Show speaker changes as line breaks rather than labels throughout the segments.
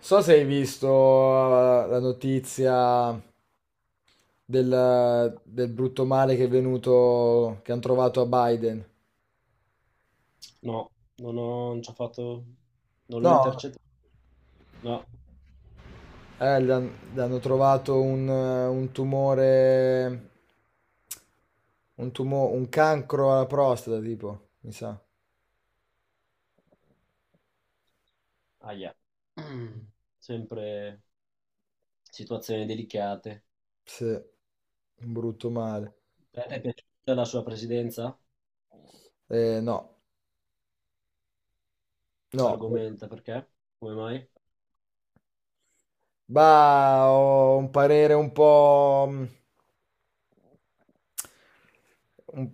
So se hai visto la notizia del brutto male che è venuto, che hanno trovato a Biden.
No, non ho, non ci ho fatto, non l'ho
No,
intercettato. No,
gli hanno trovato un tumore, un cancro alla prostata, tipo, mi sa.
aia. Mm. Sempre situazioni delicate.
Sì, un brutto male.
Ti è piaciuta la sua presidenza?
No, no.
Argomenta perché? Come mai?
Bah, ho un parere un po'un-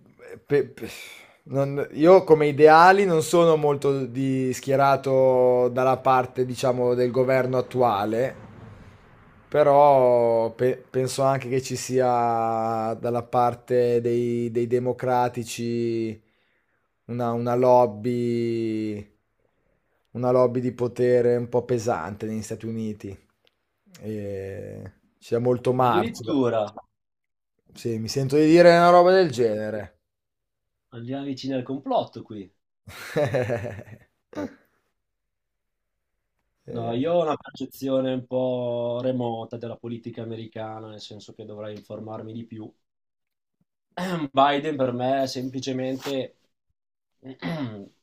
pe- pe- io come ideali non sono molto schierato dalla parte, diciamo, del governo attuale, però penso anche che ci sia dalla parte dei democratici una, una lobby, una lobby di potere un po' pesante negli Stati Uniti. E c'è molto marcio.
Addirittura
Sì, mi sento di dire una roba del genere.
andiamo vicini al complotto qui. No,
Eh,
io ho una percezione un po' remota della politica americana, nel senso che dovrei informarmi di più. Biden per me è semplicemente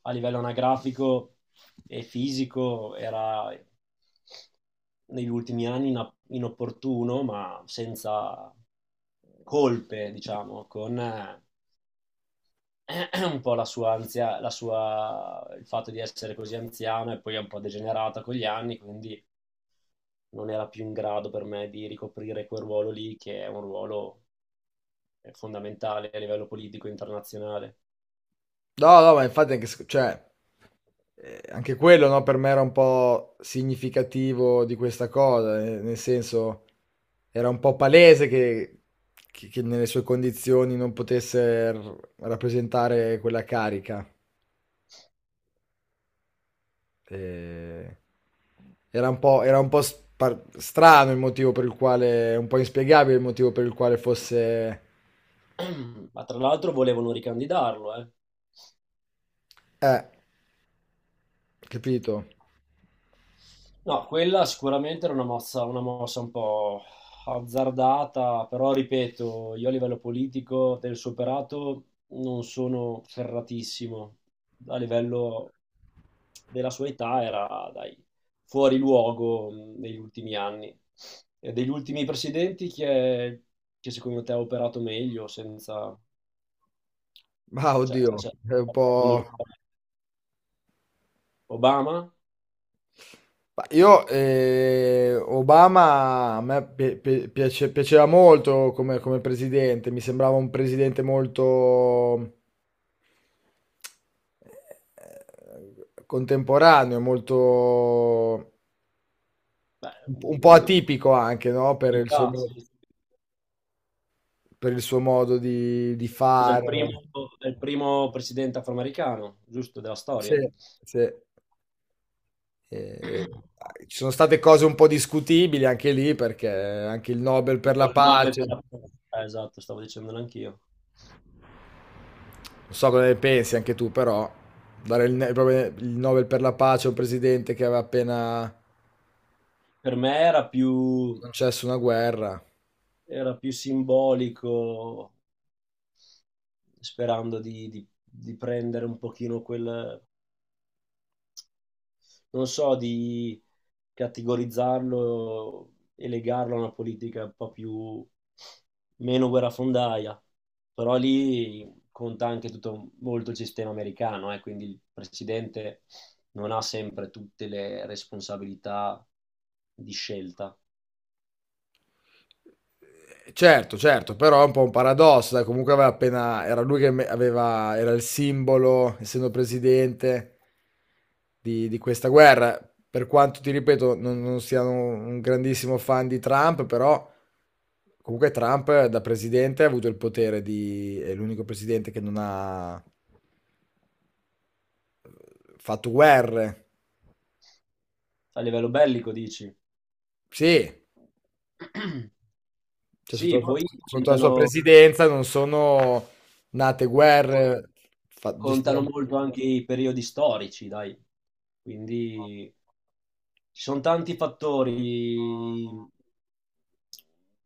a livello anagrafico e fisico era negli ultimi anni inopportuno, ma senza colpe, diciamo, con un po' la sua anzia, la sua, il fatto di essere così anziana e poi un po' degenerata con gli anni, quindi non era più in grado per me di ricoprire quel ruolo lì, che è un ruolo fondamentale a livello politico internazionale.
No, no, ma infatti anche, anche quello, no, per me era un po' significativo di questa cosa, nel senso era un po' palese che nelle sue condizioni non potesse r rappresentare quella carica. Ehm, Era un po' spar strano il motivo per il quale, un po' inspiegabile il motivo per il quale fosse
Ma tra l'altro volevano ricandidarlo, eh.
eh, capito?
No, quella sicuramente era una mossa un po' azzardata, però ripeto, io a livello politico del suo operato non sono ferratissimo. A livello della sua età era, dai, fuori luogo, negli ultimi anni. E degli ultimi presidenti chi è che secondo te ha operato meglio senza.
Mah,
Cioè,
oddio, è un
secondo lui,
po'...
Obama?
Io, Obama a me piaceva molto come, come presidente. Mi sembrava un presidente molto contemporaneo, molto
Beh,
un po' atipico anche, no? Per il suo,
un'unità, sì. Sì.
per il suo modo di
Scusa, è il primo,
fare.
è il primo presidente afroamericano, giusto, della
Sì,
storia.
sì. Eh, ci sono state cose un po' discutibili anche lì, perché anche il Nobel per
Tipo
la
il 9 per
pace.
la. Eh, esatto, stavo dicendolo anch'io.
Non so cosa ne pensi anche tu, però dare il, proprio il Nobel per la pace a un presidente che aveva appena
Per me era più,
concesso una guerra.
era più simbolico, sperando di prendere un pochino quel, non so, di categorizzarlo e legarlo a una politica un po' più meno guerrafondaia. Però lì conta anche tutto molto il sistema americano, quindi il presidente non ha sempre tutte le responsabilità di scelta.
Certo, certo, però è un po' un paradosso, dai, comunque aveva appena, era lui che era il simbolo, essendo presidente, di questa guerra. Per quanto ti ripeto, non siano un grandissimo fan di Trump, però comunque Trump da presidente ha avuto il potere di, è l'unico presidente che non ha fatto guerre.
A livello bellico, dici?
Sì, cioè,
Sì, poi
sotto la sua
contano,
presidenza non sono nate guerre. fa-
contano
gestire-
molto anche i periodi storici, dai. Quindi ci sono tanti fattori,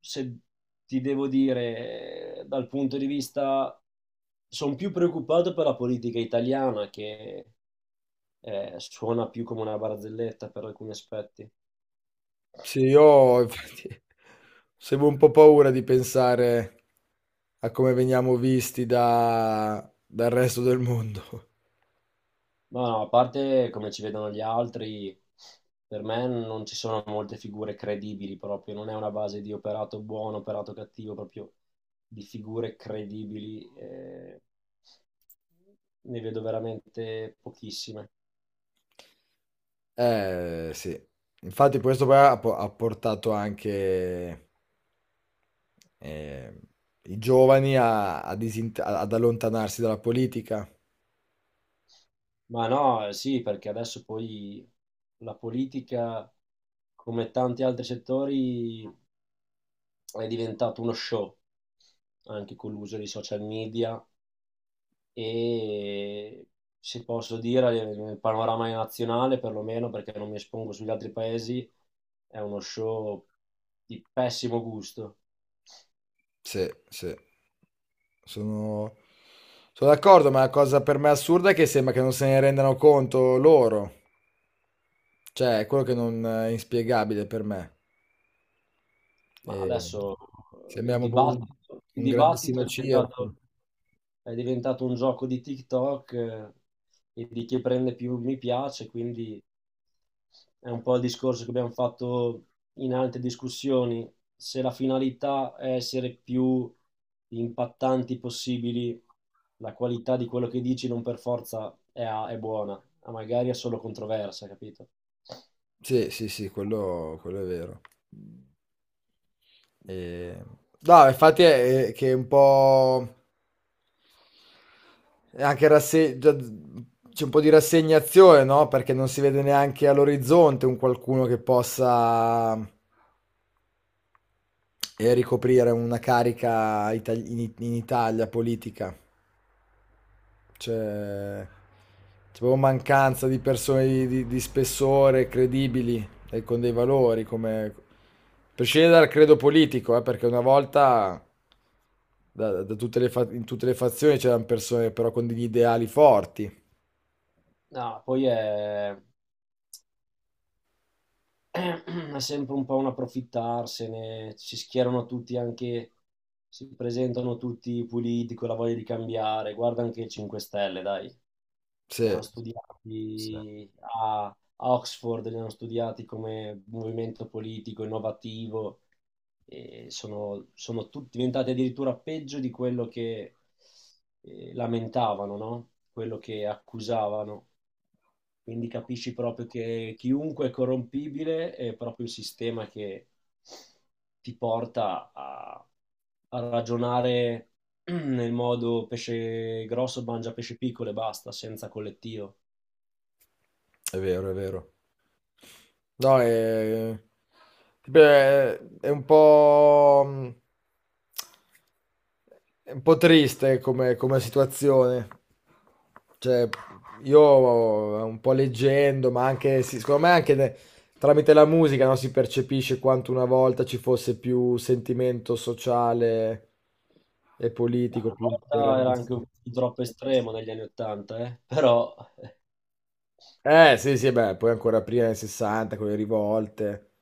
se ti devo dire, dal punto di vista, sono più preoccupato per la politica italiana che suona più come una barzelletta per alcuni aspetti.
Sì, io infatti, avevo un po' paura di pensare a come veniamo visti dal resto del mondo.
Ma no, a parte come ci vedono gli altri, per me non ci sono molte figure credibili proprio, non è una base di operato buono, operato cattivo, proprio di figure credibili, ne vedo veramente pochissime.
Sì. Infatti questo poi ha portato anche eh, i giovani ad allontanarsi dalla politica.
Ma no, sì, perché adesso poi la politica, come tanti altri settori, è diventato uno show, anche con l'uso dei social media e, se posso dire, nel panorama nazionale perlomeno, perché non mi espongo sugli altri paesi, è uno show di pessimo gusto.
Sì, sì. Sono... Sono d'accordo, ma la cosa per me assurda è che sembra che non se ne rendano conto loro. Cioè, è quello che non è inspiegabile per me.
Ma
E
adesso il
sembriamo proprio
dibattito, il
un
dibattito
grandissimo
è
circo.
diventato un gioco di TikTok, e di chi prende più mi piace, quindi è un po' il discorso che abbiamo fatto in altre discussioni. Se la finalità è essere più impattanti possibili, la qualità di quello che dici non per forza è buona, ma magari è solo controversa, capito?
Sì, sì, sì, quello è vero. E- No, infatti è che è un po'... è anche c'è un po' di rassegnazione, no? Perché non si vede neanche all'orizzonte un qualcuno che possa... e ricoprire una carica in Italia politica. C'è, c'è proprio mancanza di persone di, di spessore, credibili e con dei valori, come... prescindere dal credo politico, perché una volta da- da tutte le fa- in tutte le fazioni c'erano persone però con degli ideali forti.
No, poi è è sempre un po' un approfittarsene, si schierano tutti anche, si presentano tutti puliti con la voglia di cambiare, guarda anche il 5 Stelle, dai, li
Sì,
hanno
sì.
studiati a Oxford, li hanno studiati come movimento politico innovativo e sono tutti diventati addirittura peggio di quello che lamentavano, no? Quello che accusavano. Quindi capisci proprio che chiunque è corrompibile, è proprio il sistema che ti porta a ragionare nel modo pesce grosso mangia pesce piccolo e basta, senza collettivo.
È vero, è vero. No, è, beh, è un po'è un po' triste come, come situazione. Cioè, io un po' leggendo, ma anche, sì, secondo me anche tramite la musica, no, si percepisce quanto una volta ci fosse più sentimento sociale e
Ma
politico,
una
più
volta era
interesse.
anche un po' troppo estremo negli anni Ottanta, eh? Però
Sì, sì, beh, poi ancora prima nel '60 con le rivolte.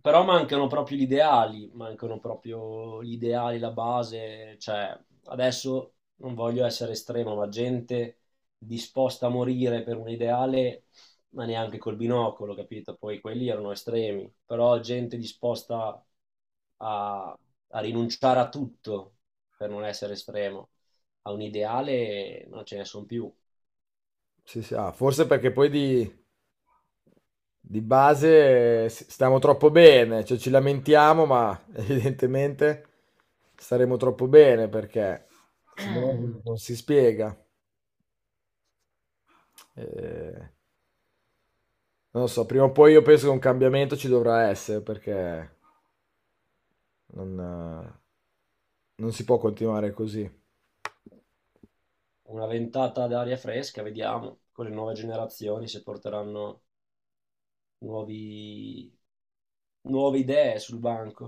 Però mancano proprio gli ideali, mancano proprio gli ideali, la base, cioè adesso non voglio essere estremo, ma gente disposta a morire per un ideale, ma neanche col binocolo, capito? Poi quelli erano estremi, però gente disposta a, a rinunciare a tutto, per non essere estremo, a un ideale non ce ne sono più.
Sì, sì, ah, forse perché poi di base stiamo troppo bene, cioè ci lamentiamo, ma evidentemente staremo troppo bene perché secondo me non si spiega. Eh, non lo so, prima o poi io penso che un cambiamento ci dovrà essere perché non, non si può continuare così.
Una ventata d'aria fresca, vediamo, con le nuove generazioni se porteranno nuovi- nuove idee sul banco.